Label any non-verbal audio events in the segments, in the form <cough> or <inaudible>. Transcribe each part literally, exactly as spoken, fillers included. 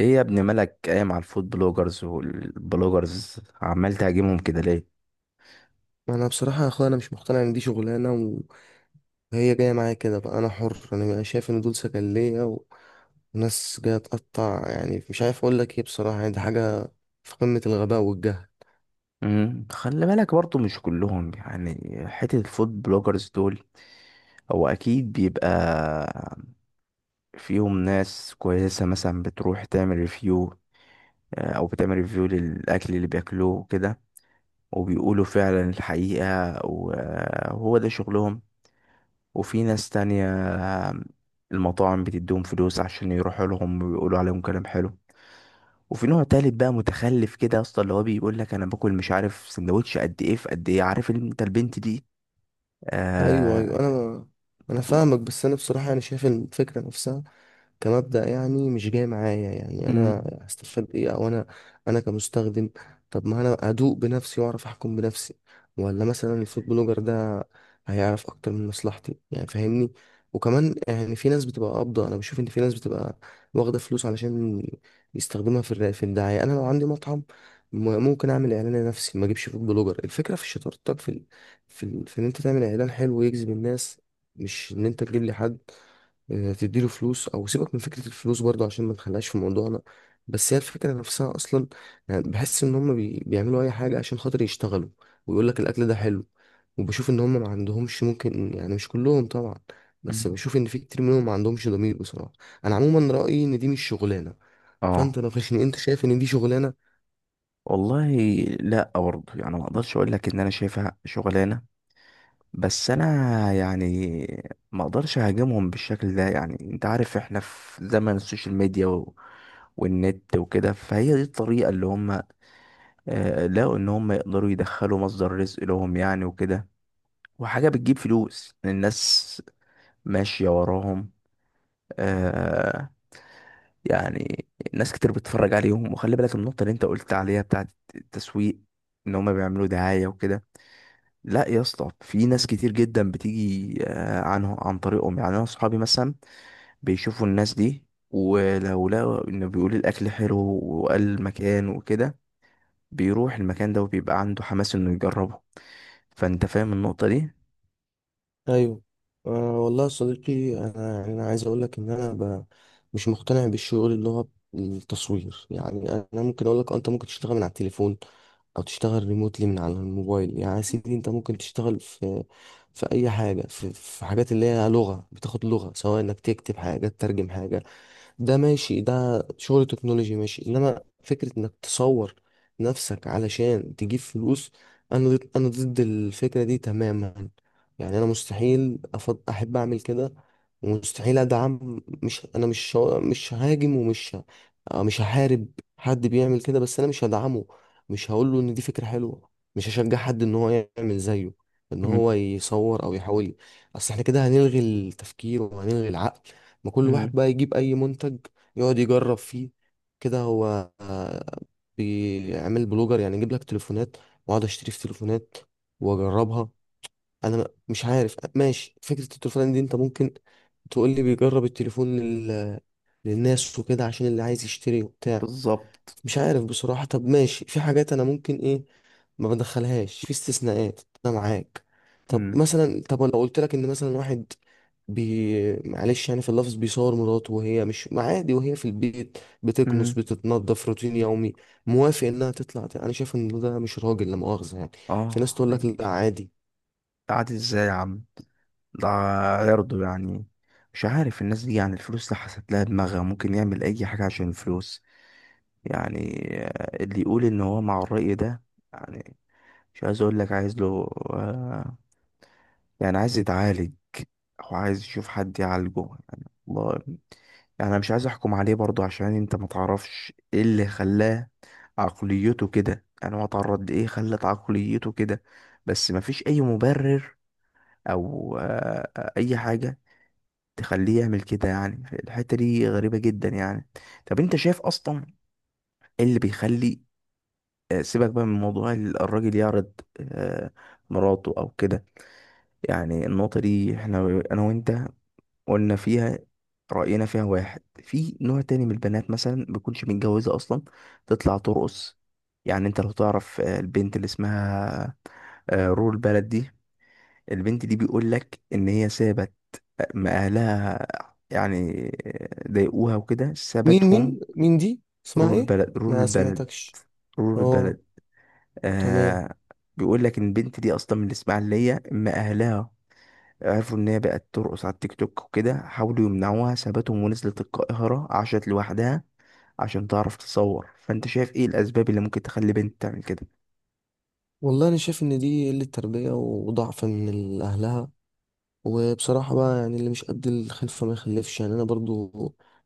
ايه يا ابن مالك، قايم على الفود بلوجرز والبلوجرز عمال تهاجمهم كده ليه؟ ما انا بصراحه يا اخويا انا مش مقتنع ان دي شغلانه. وهي جايه معايا كده. بقى انا حر، انا شايف ان دول سجليه وناس جايه تقطع. يعني مش عارف اقول لك ايه بصراحه، يعني دي حاجه في قمه الغباء والجهل. امم خلي بالك برضو مش كلهم، يعني حتة الفود بلوجرز دول هو اكيد بيبقى فيهم ناس كويسة، مثلا بتروح تعمل ريفيو او بتعمل ريفيو للاكل اللي بياكلوه كده وبيقولوا فعلا الحقيقة، وهو ده شغلهم. وفي ناس تانية المطاعم بتديهم فلوس عشان يروحوا لهم ويقولوا عليهم كلام حلو. وفي نوع تالت بقى متخلف كده يا اسطى، اللي هو بيقول لك انا باكل مش عارف سندوتش قد ايه في قد ايه، عارف انت البنت دي. ايوه ايوه آه. انا انا طب. فاهمك، بس انا بصراحه انا شايف الفكره نفسها كمبدأ، يعني مش جاي معايا. يعني انا أمم، هستفاد ايه؟ او انا انا كمستخدم؟ طب ما انا ادوق بنفسي واعرف احكم بنفسي، ولا مثلا الفود بلوجر ده هيعرف اكتر من مصلحتي؟ يعني فاهمني. وكمان يعني في ناس بتبقى قابضة، انا بشوف ان في ناس بتبقى واخدة فلوس علشان يستخدمها في الر- في الدعاية. انا لو عندي مطعم، م- ممكن اعمل اعلان لنفسي، ما اجيبش فود بلوجر. الفكرة في شطارتك، في ال... في, ال... في ان انت تعمل اعلان حلو ويجذب الناس، مش ان انت تجيب لي حد آه، تديله فلوس. او سيبك من فكره الفلوس برضو عشان ما نخليهاش في موضوعنا، بس هي الفكره نفسها اصلا. يعني بحس ان هم بي... بيعملوا اي حاجه عشان خاطر يشتغلوا ويقول لك الاكل ده حلو. وبشوف ان هم ما عندهمش، ممكن يعني مش كلهم طبعا، أمم. بس بشوف ان في كتير منهم ما عندهمش ضمير بصراحه. انا عموما رايي ان دي مش شغلانه. اه. فانت ناقشني، انت شايف ان دي شغلانه؟ والله لا برضه، يعني ما اقدرش اقول لك ان انا شايفها شغلانه، بس انا يعني ما اقدرش اهاجمهم بالشكل ده. يعني انت عارف احنا في زمن السوشيال ميديا و... والنت وكده، فهي دي الطريقه اللي هم آه، لقوا ان هم يقدروا يدخلوا مصدر رزق لهم يعني وكده، وحاجه بتجيب فلوس الناس ماشية وراهم. آه. يعني ناس كتير بتتفرج عليهم. وخلي بالك النقطة اللي انت قلت عليها بتاعت التسويق، ان هما بيعملوا دعاية وكده. لا يا اسطى، في ناس كتير جدا بتيجي آه، عنه عن طريقهم. يعني انا اصحابي مثلا بيشوفوا الناس دي، ولو لقوا انه بيقول الاكل حلو وقال المكان وكده بيروح المكان ده وبيبقى عنده حماس انه يجربه. فانت فاهم النقطة دي. ايوه، أه والله يا صديقي، انا يعني انا عايز اقول لك ان انا ب... مش مقتنع بالشغل اللي هو التصوير. يعني انا ممكن اقول لك انت ممكن تشتغل من على التليفون، او تشتغل ريموتلي من على الموبايل. يعني يا سيدي انت ممكن تشتغل في في اي حاجه، في, في حاجات اللي هي لغه، بتاخد لغه، سواء انك تكتب حاجه، تترجم حاجه. ده ماشي، ده شغل تكنولوجي ماشي. انما فكرة انك تصور نفسك علشان تجيب فلوس، انا ضد انا ضد الفكرة دي تماما. يعني انا مستحيل أفض... احب اعمل كده، ومستحيل ادعم. مش انا مش ه- مش هاجم ومش ه- آه، مش هحارب حد بيعمل كده، بس انا مش هدعمه. مش هقول له ان دي فكرة حلوة. مش هشجع حد ان هو يعمل زيه، ان مم. هو يصور او يحاول. اصل احنا كده هنلغي التفكير وهنلغي العقل. ما كل واحد مم. بقى يجيب اي منتج يقعد يجرب فيه. كده هو آه، بيعمل بلوجر. يعني يجيب لك تليفونات واقعد اشتري في تليفونات واجربها؟ انا م- مش عارف. ماشي، فكرة التليفونات دي انت ممكن تقول لي بيجرب التليفون لل... للناس وكده، عشان اللي عايز يشتري وبتاع. بالظبط. مش عارف بصراحة. طب ماشي، في حاجات انا ممكن ايه ما بدخلهاش في استثناءات، انا معاك. طب مم. مثلا، طب لو قلت لك ان مثلا واحد بي معلش يعني في اللفظ، بيصور مراته وهي مش ما عادي، وهي في البيت بتكنس مم. بتتنضف، روتين يومي، موافق انها تطلع. انا شايف ان ده مش راجل لا مؤاخذة يعني. في ناس اه تقول لك لا حقيقي. عادي. قعدت ازاي يا عم؟ ده يرضوا يعني؟ مش عارف الناس دي، يعني الفلوس اللي حسيت لها دماغها ممكن يعمل اي حاجة عشان الفلوس يعني. آه، اللي يقول ان هو مع الرأي ده يعني مش عايز اقول لك عايز له، آه، يعني عايز يتعالج او عايز يشوف حد يعالجه يعني. الله. يعني انا مش عايز احكم عليه برضو، عشان انت ما تعرفش ايه اللي خلاه عقليته كده، يعني هو اتعرض لايه خلت عقليته كده. بس ما فيش اي مبرر او آه، اي حاجة تخليه يعمل كده. يعني الحتة دي غريبة جدا يعني. طب انت شايف اصلا ايه اللي بيخلي آه، سيبك بقى من موضوع ال- الراجل يعرض آه، مراته او كده. يعني النقطة دي احنا انا وانت قلنا فيها رأينا، فيها واحد في نوع تاني من البنات مثلا بيكونش متجوزة اصلا تطلع ترقص. يعني انت لو تعرف آه، البنت اللي اسمها آه، رول بلد دي، البنت دي بيقول لك ان هي سابت ما أهلها، يعني ضايقوها وكده مين سابتهم. مين مين دي؟ اسمها رور ايه؟ البلد رور ما البلد سمعتكش. رور اه، البلد. تمام. آه. بيقول لك إن البنت دي أصلا من الإسماعيلية. أما أهلها عرفوا إن هي بقت ترقص على التيك توك وكده حاولوا يمنعوها، سابتهم ونزلت القاهرة عاشت لوحدها عشان تعرف تصور. فأنت شايف إيه الأسباب اللي ممكن تخلي بنت تعمل كده؟ والله انا شايف ان دي قلة تربية وضعف من اهلها. وبصراحة بقى يعني اللي مش قد الخلفة ما يخلفش. يعني أنا برضو،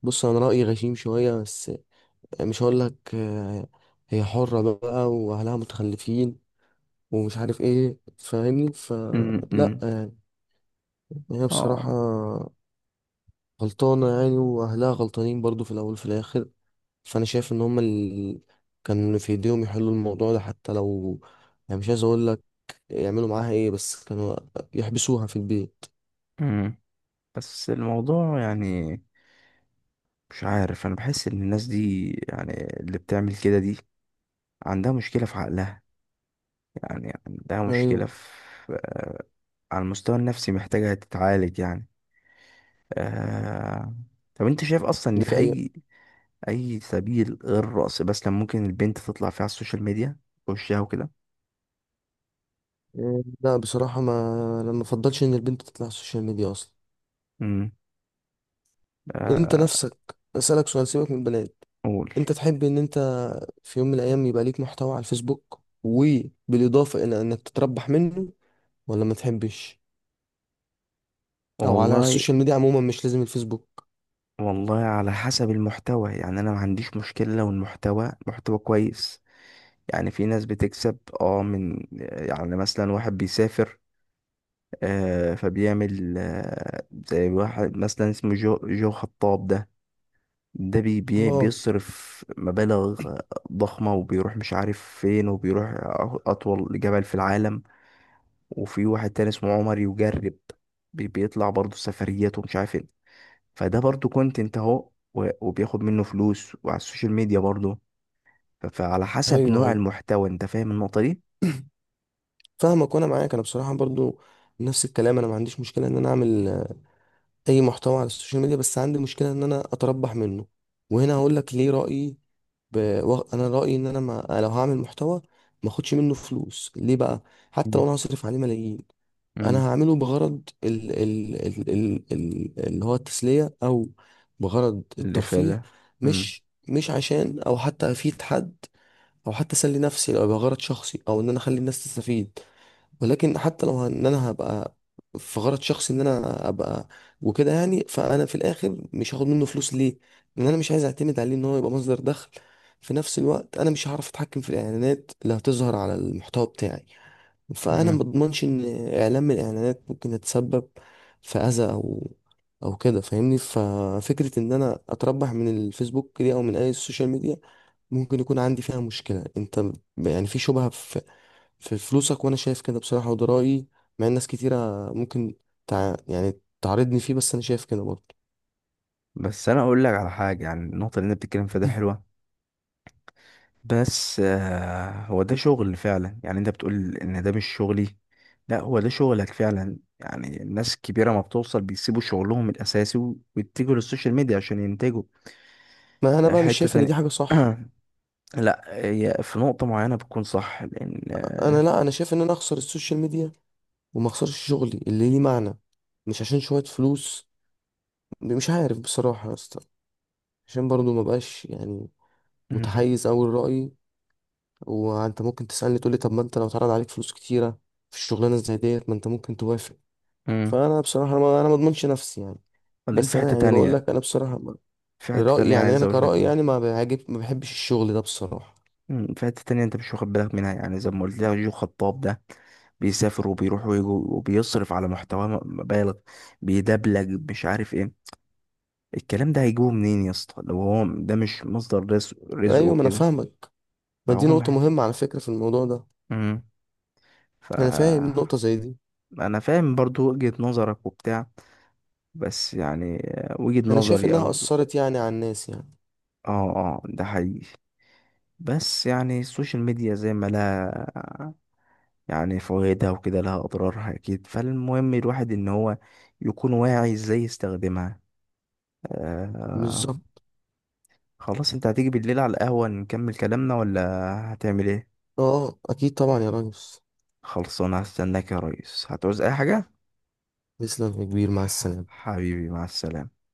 بص أنا رأيي غشيم شوية، بس مش هقول لك آه، هي حرة بقى وأهلها متخلفين ومش عارف إيه. فاهمني؟ فلا امم. يعني هي اه. بصراحة غلطانة، يعني وأهلها غلطانين برضو في الأول وفي الآخر. فأنا شايف إن هما اللي كان في إيديهم يحلوا الموضوع ده. حتى لو يعني مش عايز أقول لك يعملوا معاها إيه، بس كانوا يحبسوها في البيت. امم. بس الموضوع يعني مش عارف، انا بحس ان الناس دي يعني اللي بتعمل كده دي عندها مشكلة في عقلها، يعني عندها مشكلة أيوه، في على المستوى النفسي، محتاجة تتعالج يعني. آه... طب انت شايف اصلا ان دي في حقيقة. اي اي سبيل غير الرقص بس لما ممكن البنت تطلع فيه على السوشيال ميديا وشها وكده؟ إيه، لا بصراحة ما، لما بفضلش ان البنت تطلع على السوشيال ميديا اصلا. امم. انت نفسك اسألك سؤال، سيبك من البنات، قول. انت تحب ان انت في يوم من الايام يبقى ليك محتوى على الفيسبوك وبالاضافة الى انك تتربح منه، ولا ما تحبش؟ او على والله. السوشيال ميديا عموما، مش لازم الفيسبوك. والله على حسب المحتوى، يعني انا ما عنديش مشكلة لو المحتوى محتوى كويس. يعني في ناس بتكسب اه من، يعني مثلا واحد بيسافر آه، فبيعمل آه، زي واحد مثلا اسمه جو, جو خطاب ده، ده بي بي اه، بيصرف مبالغ آه، ضخمة وبيروح مش عارف فين وبيروح أ- أطول جبل في العالم. وفي واحد تاني اسمه عمر يجرب، بي بيطلع برضه سفريات ومش عارف ايه، فده برضه كونتنت اهو و- وبياخد منه فلوس وعلى السوشيال ميديا برضه. ف- فعلى حسب ايوه نوع ايوه المحتوى، انت فاهم النقطة دي. فاهمك وانا معاك. انا بصراحة برضو نفس الكلام، انا ما عنديش مشكلة ان انا اعمل اي محتوى على السوشيال ميديا، بس عندي مشكله ان انا اتربح منه. وهنا هقول لك ليه رايي. ب... و- انا رايي ان انا ما... لو هعمل محتوى ما اخدش منه فلوس. ليه بقى؟ حتى لو مم. انا هصرف عليه ملايين، مم. انا هعمله بغرض ال... ال... ال... ال... ال... اللي هو التسليه، او بغرض اللي في الترفيه. ده. مش مش عشان، او حتى افيد حد، او حتى اسلي نفسي. لو يبقى غرض شخصي، او ان انا اخلي الناس تستفيد. ولكن حتى لو ان انا هبقى في غرض شخصي ان انا ابقى وكده يعني، فانا في الاخر مش هاخد منه فلوس. ليه؟ لان انا مش عايز اعتمد عليه ان هو يبقى مصدر دخل. في نفس الوقت انا مش هعرف اتحكم في الاعلانات اللي هتظهر على المحتوى بتاعي، فانا ما مم. اضمنش ان اعلان من الاعلانات ممكن يتسبب في اذى او او كده. فاهمني؟ ففكرة ان انا اتربح من الفيسبوك دي او من اي سوشيال ميديا ممكن يكون عندي فيها مشكلة. انت ال- يعني في شبهة في في فلوسك، وانا شايف كده بصراحة، وده رأيي. مع ان ناس كتيرة ممكن تع... يعني تعارضني فيه، بس انا شايف كده برضه. بس انا اقول لك على حاجه، يعني النقطه اللي انت بتتكلم فيها ده <laughs> حلوه بس آه، هو ده شغل فعلا. يعني انت بتقول ان ده مش شغلي، لا هو ده شغلك فعلا. يعني الناس الكبيره ما بتوصل بيسيبوا شغلهم الاساسي و- ويتجهوا للسوشيال ميديا عشان ينتجوا. <clears throat> ما انا آه، بقى مش حته شايف ان دي تانية. حاجة صح. <clears throat> لا هي في نقطه معينه بتكون صح، لان انا، آه، لا انا شايف ان انا اخسر السوشيال ميديا وما اخسرش شغلي اللي ليه معنى، مش عشان شوية فلوس. مش عارف بصراحة يا اسطى، عشان برضه ما بقاش يعني مم. متحيز اوي لرأيي. وانت ممكن تسألني تقولي طب ما انت لو اتعرض عليك فلوس كتيرة في الشغلانة زي ديت ما انت ممكن توافق؟ مم. فانا بصراحه، ما انا ما اضمنش نفسي يعني. بعدين بس في حته انا يعني بقول تانية، لك انا بصراحه ما- في حته رايي تانية يعني عايز انا اقول لك كرايي، منها، يعني ما بيعجب، ما بحبش الشغل ده بصراحه. مم، في حتة تانية انت مش واخد بالك منها. يعني زي ما قلت لك جو خطاب ده بيسافر وبيروح ويجي وبيصرف على محتوى م- مبالغ، بيدبلج مش عارف ايه. الكلام ده هيجيبه منين يا اسطى لو هو ده مش مصدر رزق رزقه ايوه ما انا كده؟ فاهمك. ما فهو دي نقطه محتاج. مهمه على فكره في الموضوع ده. امم. ف. انا فاهم نقطه زي دي. انا فاهم برضو وجهة نظرك وبتاع، بس يعني وجهة انا شايف نظري انها او، اثرت يعني على الناس يعني. اه اه ده حقيقي. بس يعني السوشيال ميديا زي ما لها يعني فوائدها وكده لها أضرارها أكيد، فالمهم الواحد إن هو يكون واعي إزاي يستخدمها. آه. بالظبط. خلاص، أنت هتيجي بالليل على القهوة نكمل كلامنا ولا هتعمل إيه؟ اه اكيد طبعا يا ريس. خلصانة، هستناك يا ريس. هتعوز أي حاجة؟ تسلم يا كبير، مع ح- السلامه. حبيبي، مع السلامة.